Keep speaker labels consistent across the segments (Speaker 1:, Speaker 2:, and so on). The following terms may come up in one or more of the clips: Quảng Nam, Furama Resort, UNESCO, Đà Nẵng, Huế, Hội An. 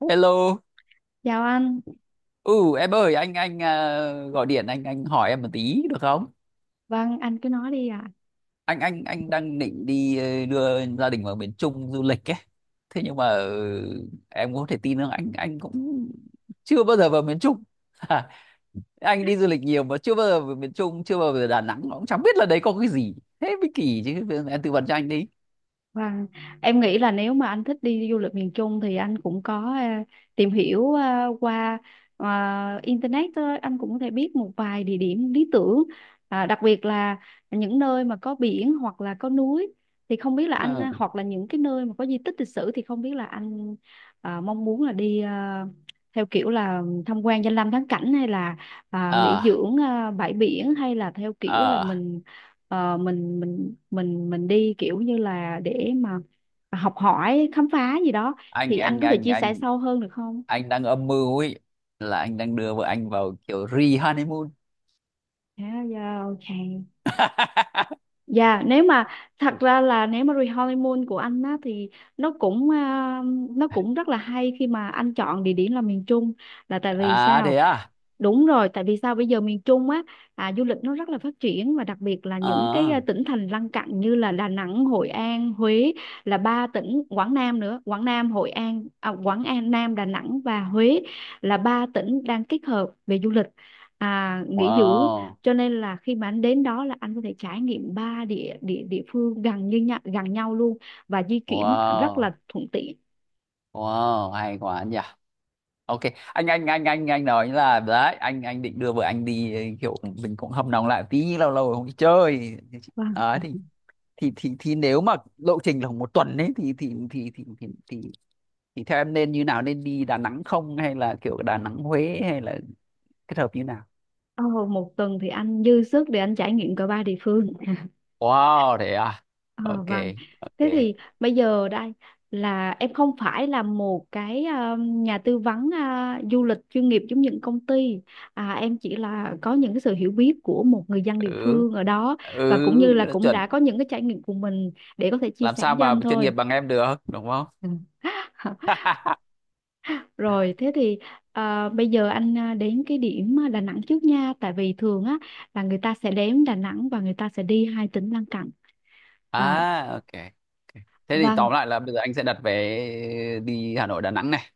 Speaker 1: Hello.
Speaker 2: Chào anh,
Speaker 1: Ừ, em ơi anh à, gọi điện anh hỏi em một tí được không?
Speaker 2: vâng anh cứ nói đi ạ.
Speaker 1: Anh đang định đi đưa gia đình vào miền Trung du lịch ấy. Thế nhưng mà em có thể tin không? Anh cũng chưa bao giờ vào miền Trung. Anh đi du lịch nhiều mà chưa bao giờ vào miền Trung, chưa bao giờ vào Đà Nẵng, cũng chẳng biết là đấy có cái gì. Thế mới kỳ chứ. Em tư vấn cho anh đi.
Speaker 2: Vâng, em nghĩ là nếu mà anh thích đi du lịch miền Trung thì anh cũng có tìm hiểu qua ờ, internet thôi. Anh cũng có thể biết một vài địa điểm lý tưởng, à, đặc biệt là những nơi mà có biển hoặc là có núi thì không biết là anh
Speaker 1: Ờ.
Speaker 2: hoặc là những cái nơi mà có di tích lịch sử thì không biết là anh mong muốn là đi theo kiểu là tham quan danh lam thắng cảnh hay là à, nghỉ
Speaker 1: à
Speaker 2: dưỡng à, bãi biển hay là theo kiểu là
Speaker 1: à
Speaker 2: mình. Mình đi kiểu như là để mà học hỏi khám phá gì đó
Speaker 1: anh
Speaker 2: thì anh
Speaker 1: anh
Speaker 2: có thể
Speaker 1: anh
Speaker 2: chia sẻ
Speaker 1: anh
Speaker 2: sâu hơn được không?
Speaker 1: anh đang âm mưu ấy, là anh đang đưa vợ anh vào kiểu re honeymoon.
Speaker 2: Yeah, yeah, okay. Dạ, nếu mà thật ra là nếu mà honeymoon của anh á thì nó cũng à, nó cũng rất là hay khi mà anh chọn địa điểm là miền Trung, là tại vì
Speaker 1: À thế
Speaker 2: sao?
Speaker 1: à?
Speaker 2: Đúng rồi, tại vì sao bây giờ miền Trung á, à, du lịch nó rất là phát triển và đặc biệt là những cái
Speaker 1: Ờ,
Speaker 2: à, tỉnh thành lân cận như là Đà Nẵng, Hội An, Huế, là ba tỉnh Quảng Nam nữa, Quảng Nam, Hội An, à, Quảng An, Nam, Đà Nẵng và Huế là ba tỉnh đang kết hợp về du lịch à, nghỉ dưỡng,
Speaker 1: wow,
Speaker 2: cho nên là khi mà anh đến đó là anh có thể trải nghiệm ba địa địa địa phương gần như nhau, gần nhau luôn và di chuyển rất
Speaker 1: wow,
Speaker 2: là thuận tiện.
Speaker 1: wow, hay quá nhỉ. Ok, anh nói là đấy, anh định đưa vợ anh đi kiểu mình cũng hâm nóng lại tí, lâu lâu rồi không đi chơi.
Speaker 2: Vâng.
Speaker 1: Đấy thì, nếu mà lộ trình là một tuần ấy thì theo em nên như nào, nên đi Đà Nẵng không hay là kiểu Đà Nẵng Huế hay là kết hợp như nào?
Speaker 2: Ờ, một tuần thì anh dư sức để anh trải nghiệm cả ba địa phương.
Speaker 1: Wow, thế à?
Speaker 2: Ờ,
Speaker 1: Ok,
Speaker 2: vâng. Thế
Speaker 1: ok.
Speaker 2: thì bây giờ đây là em không phải là một cái ờ, nhà tư vấn du lịch chuyên nghiệp giống những công ty. À, em chỉ là có những cái sự hiểu biết của một người dân địa
Speaker 1: Ừ.
Speaker 2: phương ở đó và cũng như là
Speaker 1: Ừ,
Speaker 2: cũng
Speaker 1: chuẩn,
Speaker 2: đã có những cái trải nghiệm của mình để có thể chia
Speaker 1: làm
Speaker 2: sẻ
Speaker 1: sao
Speaker 2: cho
Speaker 1: mà
Speaker 2: anh
Speaker 1: chuyên nghiệp
Speaker 2: thôi.
Speaker 1: bằng em được đúng không.
Speaker 2: Ừ. Rồi thế thì bây giờ anh đến cái điểm Đà Nẵng trước nha, tại vì thường á là người ta sẽ đến Đà Nẵng và người ta sẽ đi hai tỉnh lân cận. À,
Speaker 1: À, ok, ok. Thế thì tóm
Speaker 2: vâng.
Speaker 1: lại là bây giờ anh sẽ đặt vé đi Hà Nội Đà Nẵng này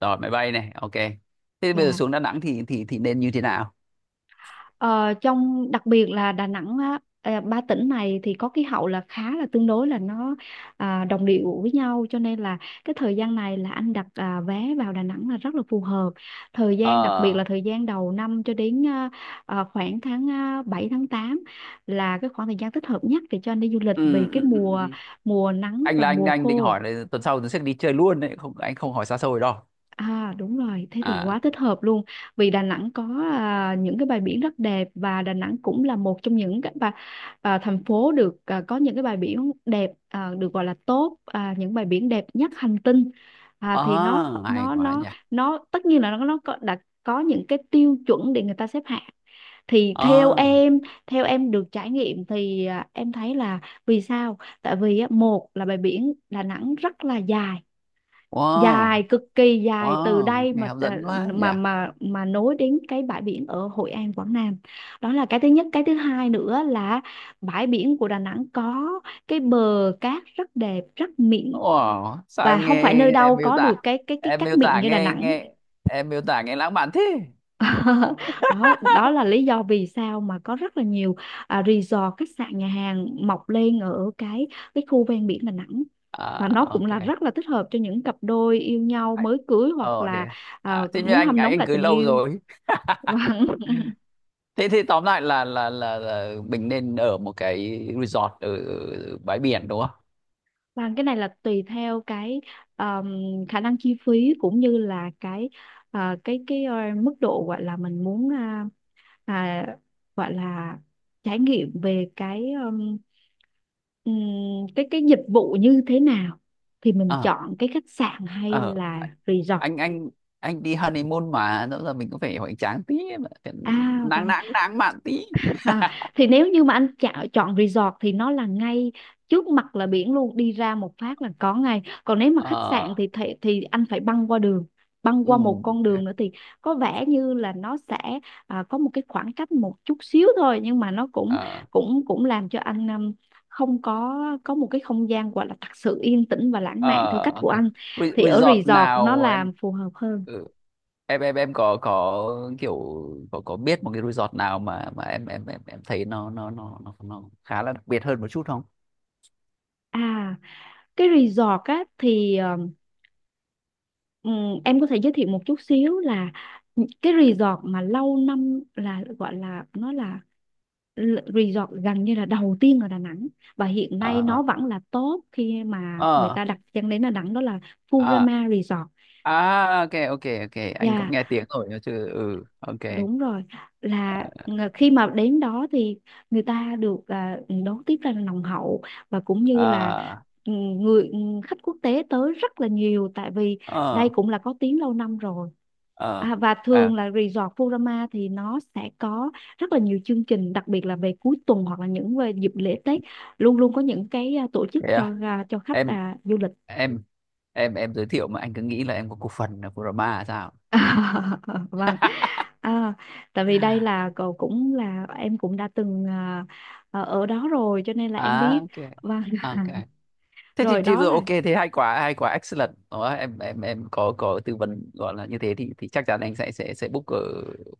Speaker 1: rồi, máy bay này, ok, thế thì bây giờ
Speaker 2: Dạ.
Speaker 1: xuống Đà Nẵng thì nên như thế nào?
Speaker 2: Ờ, trong đặc biệt là Đà Nẵng á, ờ, ba tỉnh này thì có khí hậu là khá là tương đối là nó à, đồng điệu với nhau, cho nên là cái thời gian này là anh đặt à, vé vào Đà Nẵng là rất là phù hợp. Thời
Speaker 1: Ờ,
Speaker 2: gian đặc biệt là thời gian đầu năm cho đến à, à, khoảng tháng à, 7 tháng 8 là cái khoảng thời gian thích hợp nhất để cho anh đi du lịch vì
Speaker 1: ừ, ừ,
Speaker 2: cái
Speaker 1: ừ, ừ.
Speaker 2: mùa
Speaker 1: Ừ.
Speaker 2: mùa nắng
Speaker 1: Anh
Speaker 2: và
Speaker 1: là, anh
Speaker 2: mùa
Speaker 1: anh định
Speaker 2: khô.
Speaker 1: hỏi là tuần sau tôi sẽ đi chơi luôn đấy, không, anh không hỏi xa xôi đâu.
Speaker 2: À đúng rồi, thế thì
Speaker 1: À,
Speaker 2: quá thích hợp luôn. Vì Đà Nẵng có à, những cái bãi biển rất đẹp và Đà Nẵng cũng là một trong những cái bà, à, thành phố được à, có những cái bãi biển đẹp à, được gọi là tốt à, những bãi biển đẹp nhất hành tinh. À, thì nó
Speaker 1: ờ, hay
Speaker 2: nó
Speaker 1: quá nhỉ.
Speaker 2: nó nó tất nhiên là nó có, đã có những cái tiêu chuẩn để người ta xếp hạng. Thì
Speaker 1: Ờ,
Speaker 2: theo em được trải nghiệm thì à, em thấy là, vì sao? Tại vì á, một là bãi biển Đà Nẵng rất là dài,
Speaker 1: wow,
Speaker 2: dài cực kỳ dài từ
Speaker 1: wow,
Speaker 2: đây
Speaker 1: nghe
Speaker 2: mà
Speaker 1: hấp
Speaker 2: à,
Speaker 1: dẫn quá nhỉ.
Speaker 2: mà nối đến cái bãi biển ở Hội An Quảng Nam, đó là cái thứ nhất. Cái thứ hai nữa là bãi biển của Đà Nẵng có cái bờ cát rất đẹp rất mịn
Speaker 1: Ủa, sao
Speaker 2: và
Speaker 1: em
Speaker 2: không phải
Speaker 1: nghe
Speaker 2: nơi
Speaker 1: em
Speaker 2: đâu
Speaker 1: miêu
Speaker 2: có
Speaker 1: tả,
Speaker 2: được cái cái
Speaker 1: em
Speaker 2: cát
Speaker 1: miêu
Speaker 2: mịn
Speaker 1: tả
Speaker 2: như Đà
Speaker 1: nghe,
Speaker 2: Nẵng.
Speaker 1: em miêu tả nghe lãng mạn thế.
Speaker 2: Đó, đó là lý do vì sao mà có rất là nhiều à, resort, khách sạn, nhà hàng mọc lên ở cái khu ven biển Đà Nẵng và nó
Speaker 1: À,
Speaker 2: cũng
Speaker 1: ok.
Speaker 2: là rất là thích hợp cho những cặp đôi yêu nhau
Speaker 1: Ai-
Speaker 2: mới cưới hoặc
Speaker 1: thế
Speaker 2: là
Speaker 1: à,
Speaker 2: à,
Speaker 1: à thế như
Speaker 2: muốn
Speaker 1: anh
Speaker 2: hâm
Speaker 1: anh
Speaker 2: nóng
Speaker 1: anh
Speaker 2: lại
Speaker 1: cưới
Speaker 2: tình
Speaker 1: lâu
Speaker 2: yêu.
Speaker 1: rồi.
Speaker 2: và,
Speaker 1: Thế thì tóm lại là, là mình nên ở một cái resort ở ở bãi biển đúng không?
Speaker 2: và cái này là tùy theo cái um, khả năng chi phí, cũng như là cái à, cái ờ, mức độ gọi là mình muốn à, à, gọi là trải nghiệm về cái ừm, cái dịch vụ như thế nào thì mình
Speaker 1: Ờ,
Speaker 2: chọn cái khách sạn hay
Speaker 1: ờ,
Speaker 2: là resort.
Speaker 1: anh anh anh đi honeymoon mà rõ ràng mình cũng phải hoành tráng tí, mà phải
Speaker 2: À và,
Speaker 1: nắng nắng nắng mạn tí.
Speaker 2: à, thì nếu như mà anh chọn chọn resort thì nó là ngay trước mặt là biển luôn, đi ra một phát là có ngay. Còn nếu mà khách sạn
Speaker 1: Ờ,
Speaker 2: thì thì anh phải băng qua đường, băng qua một con đường nữa thì có vẻ như là nó sẽ à, có một cái khoảng cách một chút xíu thôi nhưng mà nó cũng
Speaker 1: ừ,
Speaker 2: cũng cũng làm cho anh không có có một cái không gian gọi là thật sự yên tĩnh và lãng mạn theo
Speaker 1: ờ,
Speaker 2: cách
Speaker 1: ok.
Speaker 2: của anh,
Speaker 1: Re-
Speaker 2: thì ở
Speaker 1: resort
Speaker 2: resort nó
Speaker 1: nào em,
Speaker 2: làm phù hợp hơn.
Speaker 1: ừ, em có, kiểu có biết một cái resort nào mà em thấy nó khá là đặc biệt hơn một chút không?
Speaker 2: À cái resort á thì ờ, ừ, em có thể giới thiệu một chút xíu là những cái resort mà lâu năm là gọi là nó là resort gần như là đầu tiên ở Đà Nẵng và hiện nay
Speaker 1: Ờ,
Speaker 2: nó vẫn là top khi mà người
Speaker 1: ờ,
Speaker 2: ta đặt chân đến Đà Nẵng, đó là
Speaker 1: à,
Speaker 2: Furama Resort.
Speaker 1: à, ok, ok, ok, anh cũng
Speaker 2: Dạ,
Speaker 1: nghe tiếng rồi nhớ chứ, ừ, ok.
Speaker 2: đúng rồi, là
Speaker 1: Ờ,
Speaker 2: khi mà đến đó thì người ta được à, đón tiếp rất là nồng hậu và cũng như là ừ, người ừ, khách quốc tế tới rất là nhiều tại vì đây
Speaker 1: ờ,
Speaker 2: cũng là có tiếng lâu năm rồi.
Speaker 1: ờ,
Speaker 2: À, và
Speaker 1: à
Speaker 2: thường là resort Furama thì nó sẽ có rất là nhiều chương trình đặc biệt là về cuối tuần hoặc là những về dịp lễ Tết, luôn luôn có những cái à, tổ chức
Speaker 1: thế
Speaker 2: cho
Speaker 1: à?
Speaker 2: à, cho khách
Speaker 1: em
Speaker 2: à, du lịch.
Speaker 1: em em giới thiệu mà anh cứ nghĩ là em có cổ phần ở Brahma sao.
Speaker 2: Vâng. À, tại vì đây là cậu cũng là em cũng đã từng à, ở ở đó rồi cho nên là em
Speaker 1: À,
Speaker 2: biết
Speaker 1: ok,
Speaker 2: và
Speaker 1: ok, thế thì,
Speaker 2: rồi
Speaker 1: thì
Speaker 2: đó
Speaker 1: vừa
Speaker 2: là
Speaker 1: ok thế hay quá, hay quá, excellent đó em có, tư vấn gọi là như thế thì chắc chắn anh sẽ book ở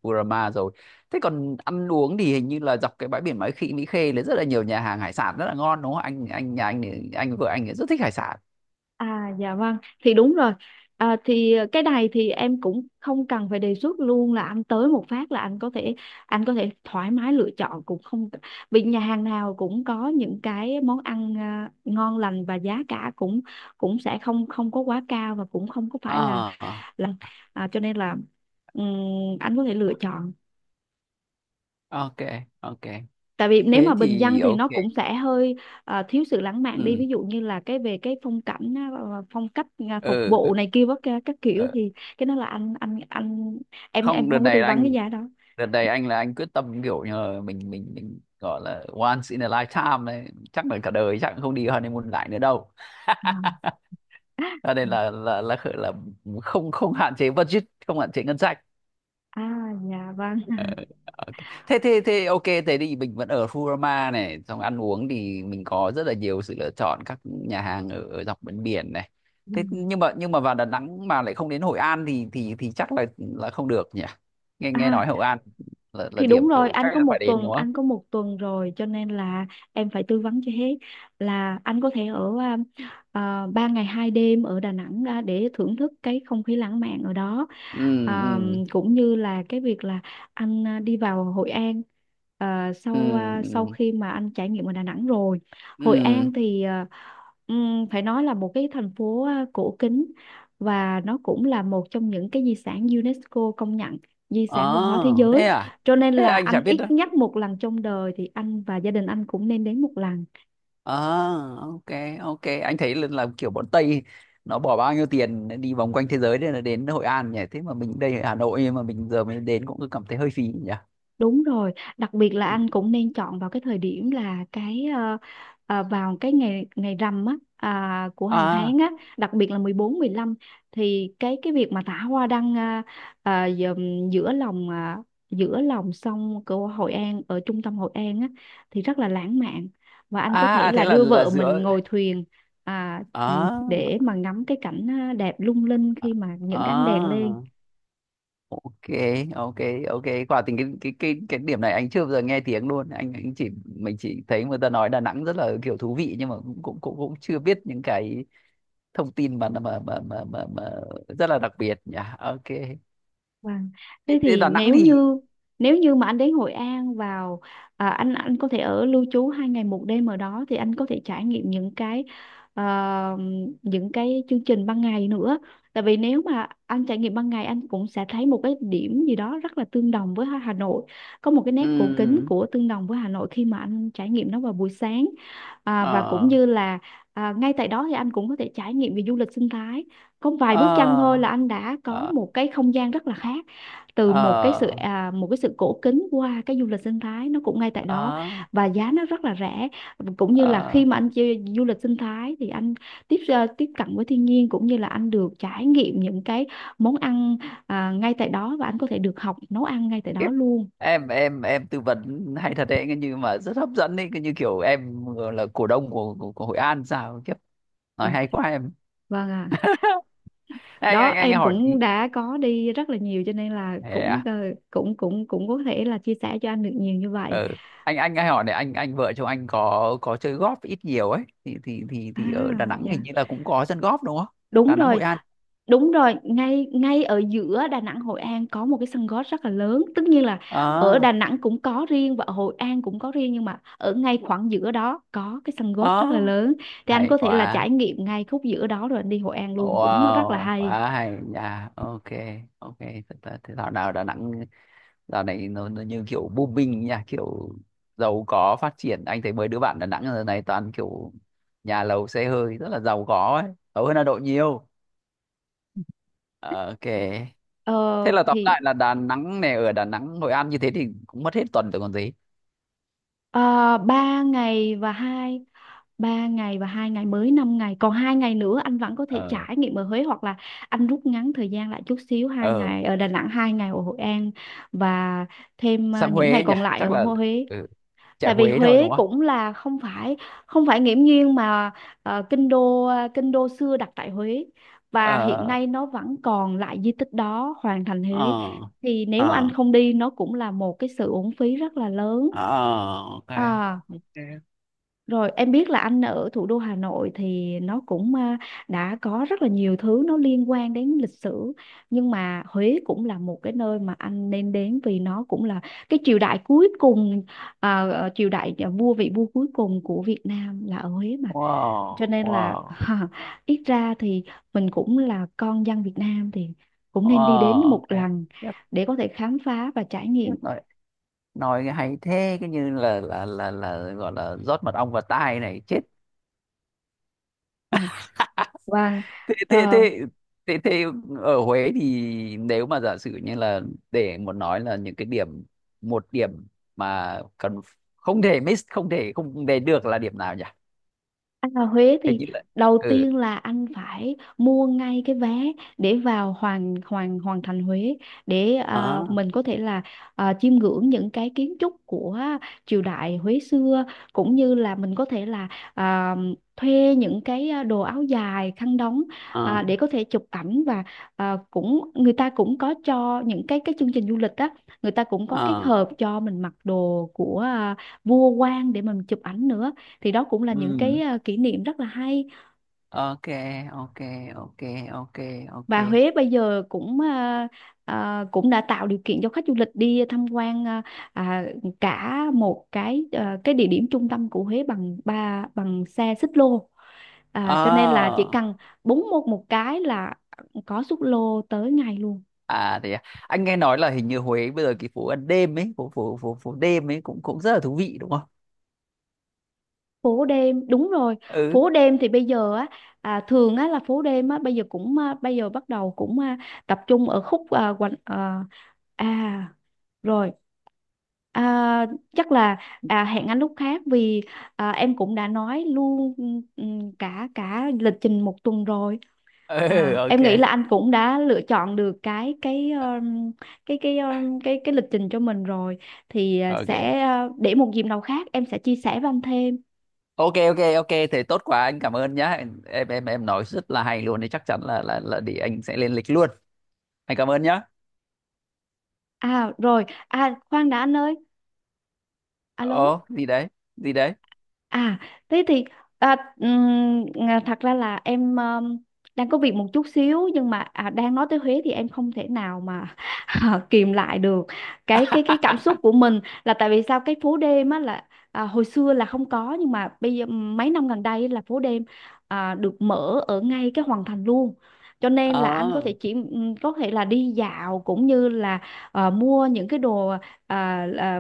Speaker 1: Kurama rồi. Thế còn ăn uống thì hình như là dọc cái bãi biển Mỹ Khê, là rất là nhiều nhà hàng hải sản rất là ngon đúng không? Anh nhà anh thì anh, vợ anh thì rất thích hải sản.
Speaker 2: à dạ vâng, thì đúng rồi. À, thì cái này thì em cũng không cần phải đề xuất luôn, là anh tới một phát là anh có thể, anh có thể thoải mái lựa chọn cũng không, vì nhà hàng nào cũng có những cái món ăn à, ngon lành và giá cả cũng cũng sẽ không không có quá cao và cũng không có phải
Speaker 1: À,
Speaker 2: là à, cho nên là ừm, anh có thể lựa chọn,
Speaker 1: ok, ok,
Speaker 2: tại vì nếu mà
Speaker 1: thế
Speaker 2: bình
Speaker 1: thì
Speaker 2: dân thì
Speaker 1: ok,
Speaker 2: nó cũng sẽ hơi ờ, thiếu sự lãng mạn đi,
Speaker 1: ừ,
Speaker 2: ví dụ như là cái về cái phong cảnh á, ờ, ờ, phong cách à, phục
Speaker 1: ừ,
Speaker 2: vụ này kia các kiểu
Speaker 1: ờ,
Speaker 2: thì cái đó là anh
Speaker 1: không,
Speaker 2: em
Speaker 1: đợt
Speaker 2: không có
Speaker 1: này
Speaker 2: tư
Speaker 1: là
Speaker 2: vấn cái
Speaker 1: anh,
Speaker 2: giá đó.
Speaker 1: đợt này anh là anh quyết tâm kiểu như là mình gọi là once in a lifetime đấy, chắc là cả đời chắc cũng không đi honeymoon lại nữa đâu.
Speaker 2: À,
Speaker 1: Cho
Speaker 2: ừ,
Speaker 1: nên là, không không hạn chế budget, không hạn chế ngân sách.
Speaker 2: à dạ vâng.
Speaker 1: Ờ, ok. thế thế thế ok, thế thì mình vẫn ở Furama này, xong ăn uống thì mình có rất là nhiều sự lựa chọn các nhà hàng ở, dọc bên biển này.
Speaker 2: Ừ.
Speaker 1: Thế nhưng mà, vào Đà Nẵng mà lại không đến Hội An thì chắc là không được nhỉ. Nghe nghe
Speaker 2: À
Speaker 1: nói Hội An là
Speaker 2: thì
Speaker 1: điểm
Speaker 2: đúng rồi,
Speaker 1: kiểu chắc
Speaker 2: anh có
Speaker 1: là
Speaker 2: một
Speaker 1: phải đến
Speaker 2: tuần,
Speaker 1: đúng không?
Speaker 2: anh có một tuần rồi cho nên là em phải tư vấn cho hết, là anh có thể ở à, à, 3 ngày 2 đêm ở Đà Nẵng à, để thưởng thức cái không khí lãng mạn ở đó.
Speaker 1: Ừ, ừ,
Speaker 2: À, cũng như là cái việc là anh à, đi vào Hội An
Speaker 1: ừ,
Speaker 2: à, sau
Speaker 1: ừ,
Speaker 2: khi mà anh trải nghiệm ở Đà Nẵng rồi. Hội
Speaker 1: ừ,
Speaker 2: An thì à, phải nói là một cái thành phố à, cổ kính và nó cũng là một trong những cái di sản UNESCO công nhận, di
Speaker 1: ờ,
Speaker 2: sản văn hóa thế giới,
Speaker 1: thế à,
Speaker 2: cho nên
Speaker 1: thế
Speaker 2: là
Speaker 1: anh chả
Speaker 2: anh
Speaker 1: biết
Speaker 2: ít
Speaker 1: đâu.
Speaker 2: nhất một lần trong đời thì anh và gia đình anh cũng nên đến một lần.
Speaker 1: Ờ, ok, ok, anh thấy là kiểu bọn Tây nó bỏ bao nhiêu tiền đi vòng quanh thế giới để là đến Hội An nhỉ, thế mà mình đây ở Hà Nội nhưng mà mình giờ mới đến cũng cứ cảm thấy hơi phí nhỉ.
Speaker 2: Đúng rồi, đặc biệt là anh cũng nên chọn vào cái thời điểm là cái ờ, ờ, vào cái ngày ngày rằm á à, của hàng
Speaker 1: À,
Speaker 2: tháng á, đặc biệt là 14 15, thì cái việc mà thả hoa đăng à, à, giữa lòng à, giữa lòng sông của Hội An ở trung tâm Hội An á thì rất là lãng mạn và anh có
Speaker 1: à,
Speaker 2: thể
Speaker 1: à, thế
Speaker 2: là đưa
Speaker 1: là
Speaker 2: vợ mình
Speaker 1: giữa.
Speaker 2: ngồi thuyền à, ừ, để
Speaker 1: À,
Speaker 2: mà ngắm cái cảnh à, đẹp lung linh khi mà những cái ánh đèn lên.
Speaker 1: à, ok, ok, ok, quả tình cái điểm này anh chưa bao giờ nghe tiếng luôn, anh chỉ mình chỉ thấy người ta nói Đà Nẵng rất là kiểu thú vị nhưng mà cũng chưa biết những cái thông tin mà, mà rất là đặc biệt nhỉ, ok.
Speaker 2: Vâng.
Speaker 1: thế,
Speaker 2: Thế
Speaker 1: thế
Speaker 2: thì
Speaker 1: Đà Nẵng
Speaker 2: nếu
Speaker 1: thì,
Speaker 2: như, nếu như mà anh đến Hội An vào à, anh có thể ở lưu trú 2 ngày 1 đêm ở đó thì anh có thể trải nghiệm những cái ờ, những cái chương trình ban ngày nữa. Tại vì nếu mà anh trải nghiệm ban ngày anh cũng sẽ thấy một cái điểm gì đó rất là tương đồng với Hà Nội, có một cái nét cổ kính
Speaker 1: ừm,
Speaker 2: của tương đồng với Hà Nội khi mà anh trải nghiệm nó vào buổi sáng và cũng
Speaker 1: ờ,
Speaker 2: như là ngay tại đó thì anh cũng có thể trải nghiệm về du lịch sinh thái. Có vài bước chân thôi
Speaker 1: ờ,
Speaker 2: là anh đã có
Speaker 1: ờ,
Speaker 2: một cái không gian rất là khác, từ một cái sự
Speaker 1: ờ,
Speaker 2: một cái sự cổ kính qua cái du lịch sinh thái nó cũng ngay tại đó,
Speaker 1: ờ,
Speaker 2: và giá nó rất là rẻ. Cũng như là
Speaker 1: ờ.
Speaker 2: khi mà anh chơi du lịch sinh thái thì anh tiếp cận với thiên nhiên cũng như là anh được trải nghiệm những cái món ăn ngay tại đó, và anh có thể được học nấu ăn ngay tại
Speaker 1: Khiếp.
Speaker 2: đó luôn.
Speaker 1: Em tư vấn hay thật đấy, cái như mà rất hấp dẫn đấy, cái như kiểu em là cổ đông của của Hội An sao, kiếp,
Speaker 2: Ờ,
Speaker 1: nói hay quá em.
Speaker 2: vâng ạ,
Speaker 1: anh
Speaker 2: đó
Speaker 1: anh anh
Speaker 2: em
Speaker 1: hỏi tí.
Speaker 2: cũng đã có đi rất là nhiều cho nên là
Speaker 1: Thế à?
Speaker 2: cũng cũng cũng có thể là chia sẻ cho anh được nhiều như vậy.
Speaker 1: Ừ. anh hay hỏi này, anh, vợ chồng anh có chơi golf ít nhiều ấy thì thì thì
Speaker 2: À,
Speaker 1: thì ở Đà Nẵng hình
Speaker 2: dạ.
Speaker 1: như là cũng có sân golf đúng không?
Speaker 2: Đúng
Speaker 1: Đà Nẵng
Speaker 2: rồi,
Speaker 1: Hội An.
Speaker 2: đúng rồi, ngay ngay ở giữa Đà Nẵng Hội An có một cái sân golf rất là lớn. Tất nhiên là ở
Speaker 1: Ờ,
Speaker 2: Đà Nẵng cũng có riêng và ở Hội An cũng có riêng, nhưng mà ở ngay khoảng giữa đó có cái sân golf
Speaker 1: ờ,
Speaker 2: rất là lớn. Thì anh
Speaker 1: hay
Speaker 2: có thể là
Speaker 1: quá,
Speaker 2: trải nghiệm ngay khúc giữa đó rồi anh đi Hội An luôn cũng rất là
Speaker 1: wow,
Speaker 2: hay.
Speaker 1: quá hay nha, ok, ok, thật là thế dạo nào Đà Nẵng, dạo này nó như kiểu booming nha, kiểu giàu có phát triển, anh thấy mấy đứa bạn Đà Nẵng giờ này toàn kiểu nhà lầu xe hơi rất là giàu có ấy, giàu hơn Hà Nội nhiều. Ờ, ok.
Speaker 2: Ờ
Speaker 1: Thế là tóm
Speaker 2: thì
Speaker 1: lại là Đà Nẵng này, ở Đà Nẵng Hội An như thế thì cũng mất hết tuần rồi còn gì.
Speaker 2: ờ, ba ngày và hai, ba ngày và hai ngày mới 5 ngày, còn hai ngày nữa anh vẫn có thể
Speaker 1: Ờ,
Speaker 2: trải nghiệm ở Huế, hoặc là anh rút ngắn thời gian lại chút xíu, hai
Speaker 1: ờ,
Speaker 2: ngày ở Đà Nẵng hai ngày ở Hội An, và thêm
Speaker 1: sang
Speaker 2: những ngày
Speaker 1: Huế nhỉ,
Speaker 2: còn lại
Speaker 1: chắc
Speaker 2: ở
Speaker 1: là,
Speaker 2: Huế.
Speaker 1: ừ, chạy
Speaker 2: Tại vì
Speaker 1: Huế thôi
Speaker 2: Huế
Speaker 1: đúng không?
Speaker 2: cũng là không phải, không phải nghiễm nhiên mà kinh đô, kinh đô xưa đặt tại Huế và hiện
Speaker 1: Ờ,
Speaker 2: nay nó vẫn còn lại di tích đó, hoàng thành
Speaker 1: ờ,
Speaker 2: Huế. Thì nếu anh
Speaker 1: ờ,
Speaker 2: không đi nó cũng là một cái sự uổng phí rất là lớn.
Speaker 1: ờ, ok,
Speaker 2: à,
Speaker 1: ok,
Speaker 2: Rồi em biết là anh ở thủ đô Hà Nội thì nó cũng đã có rất là nhiều thứ nó liên quan đến lịch sử, nhưng mà Huế cũng là một cái nơi mà anh nên đến vì nó cũng là cái triều đại cuối cùng, triều đại vua, vị vua cuối cùng của Việt Nam là ở Huế mà. Cho
Speaker 1: wow,
Speaker 2: nên là
Speaker 1: wow,
Speaker 2: ít ra thì mình cũng là con dân Việt Nam thì cũng nên đi đến
Speaker 1: wow,
Speaker 2: một
Speaker 1: ok.
Speaker 2: lần
Speaker 1: Tiếp,
Speaker 2: để có thể khám phá và trải
Speaker 1: tiếp
Speaker 2: nghiệm.
Speaker 1: rồi, nói hay thế, cái như là gọi là rót mật ong vào tai này, chết.
Speaker 2: Ừ. Vâng,
Speaker 1: thế thế
Speaker 2: ờ,
Speaker 1: thế thế thế ở Huế thì, nếu mà giả sử như là, để một nói là những cái điểm, một điểm mà cần, không thể miss, không thể không để được là điểm nào nhỉ,
Speaker 2: anh vào Huế
Speaker 1: hay
Speaker 2: thì
Speaker 1: chỉ là.
Speaker 2: đầu
Speaker 1: Ừ,
Speaker 2: tiên là anh phải mua ngay cái vé để vào hoàng hoàng hoàng thành Huế, để
Speaker 1: ờ,
Speaker 2: mình có thể là chiêm ngưỡng những cái kiến trúc của triều đại Huế xưa, cũng như là mình có thể là à, thuê những cái đồ áo dài khăn đóng
Speaker 1: ờ,
Speaker 2: để có thể chụp ảnh, và cũng người ta cũng có cho những cái chương trình du lịch á, người ta cũng có cái
Speaker 1: ờ,
Speaker 2: hộp cho mình mặc đồ của vua quan để mình chụp ảnh nữa. Thì đó cũng là những cái
Speaker 1: ừ,
Speaker 2: kỷ niệm rất là hay.
Speaker 1: ok, ok, ok, ok, ok,
Speaker 2: Và Huế bây giờ cũng cũng đã tạo điều kiện cho khách du lịch đi tham quan à, cả một cái cái địa điểm trung tâm của Huế bằng ba, bằng xe xích lô.
Speaker 1: ờ,
Speaker 2: Cho nên là chỉ cần búng một một cái là có xích lô tới ngay luôn.
Speaker 1: à thế à. Anh nghe nói là hình như Huế bây giờ cái phố ăn đêm ấy, phố phố đêm ấy cũng cũng rất là thú vị đúng không?
Speaker 2: Phố đêm đúng rồi,
Speaker 1: Ừ,
Speaker 2: phố đêm thì bây giờ á, thường á là phố đêm á bây giờ cũng à, bây giờ bắt đầu cũng tập trung ở khúc quanh à rồi, à, chắc là hẹn anh lúc khác, vì em cũng đã nói luôn, ừ, cả cả lịch trình một tuần rồi.
Speaker 1: ừ, ok,
Speaker 2: Em nghĩ là anh cũng đã lựa chọn được cái lịch trình cho mình rồi, thì
Speaker 1: ok,
Speaker 2: sẽ để một dịp nào khác em sẽ chia sẻ với anh thêm.
Speaker 1: ok, ok, ok, thế tốt quá, anh cảm ơn nhá. Em nói rất là hay luôn đấy, chắc chắn là để anh sẽ lên lịch luôn, anh cảm ơn nhá.
Speaker 2: À rồi, à khoan đã anh ơi, alo.
Speaker 1: Ồ, gì đấy, gì đấy.
Speaker 2: À, thế thì thật ra là em đang có việc một chút xíu, nhưng mà đang nói tới Huế thì em không thể nào mà kìm lại được cái cảm xúc của mình. Là tại vì sao cái phố đêm á là hồi xưa là không có, nhưng mà bây giờ mấy năm gần đây là phố đêm được mở ở ngay cái Hoàng Thành luôn. Cho nên là anh có
Speaker 1: À,
Speaker 2: thể chỉ có thể là đi dạo, cũng như là mua những cái đồ à, là,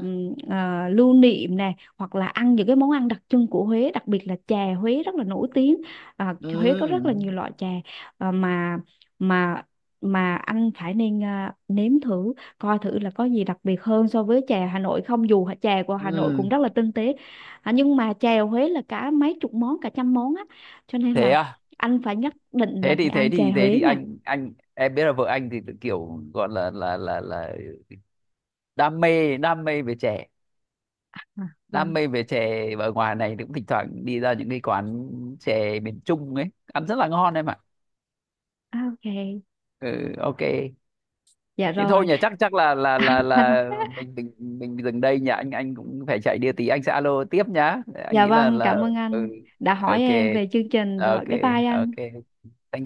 Speaker 2: lưu niệm nè, hoặc là ăn những cái món ăn đặc trưng của Huế, đặc biệt là chè Huế rất là nổi tiếng.
Speaker 1: ừ,
Speaker 2: Huế có rất là nhiều loại chè à, mà mà mà anh phải nên nếm thử coi thử là có gì đặc biệt hơn so với chè Hà Nội không, dù chè của Hà Nội
Speaker 1: ừ,
Speaker 2: cũng rất là tinh tế, nhưng mà chè Huế là cả mấy chục món, cả trăm món á, cho nên
Speaker 1: thế
Speaker 2: là
Speaker 1: à.
Speaker 2: anh phải nhất định
Speaker 1: thế
Speaker 2: là
Speaker 1: thì
Speaker 2: phải
Speaker 1: thế
Speaker 2: ăn chè
Speaker 1: thì thế
Speaker 2: Huế
Speaker 1: thì
Speaker 2: nha.
Speaker 1: anh em biết là vợ anh thì kiểu gọi là, đam mê, đam mê về chè,
Speaker 2: À,
Speaker 1: đam
Speaker 2: vâng.
Speaker 1: mê về chè ở ngoài này thì cũng thỉnh thoảng đi ra những cái quán chè miền Trung ấy ăn rất là ngon em ạ.
Speaker 2: À, ok,
Speaker 1: Ừ, ok.
Speaker 2: dạ
Speaker 1: Nhưng thôi
Speaker 2: rồi.
Speaker 1: nhỉ, chắc chắc là mình mình mình dừng đây nhỉ, anh cũng phải chạy đi tí, anh sẽ alo tiếp nhá, anh
Speaker 2: Dạ
Speaker 1: nghĩ là
Speaker 2: vâng,
Speaker 1: là
Speaker 2: cảm ơn
Speaker 1: Ờ. Ừ,
Speaker 2: anh đã hỏi
Speaker 1: ok,
Speaker 2: em về chương trình
Speaker 1: ok,
Speaker 2: rồi. Bye bye anh.
Speaker 1: ok, thank you.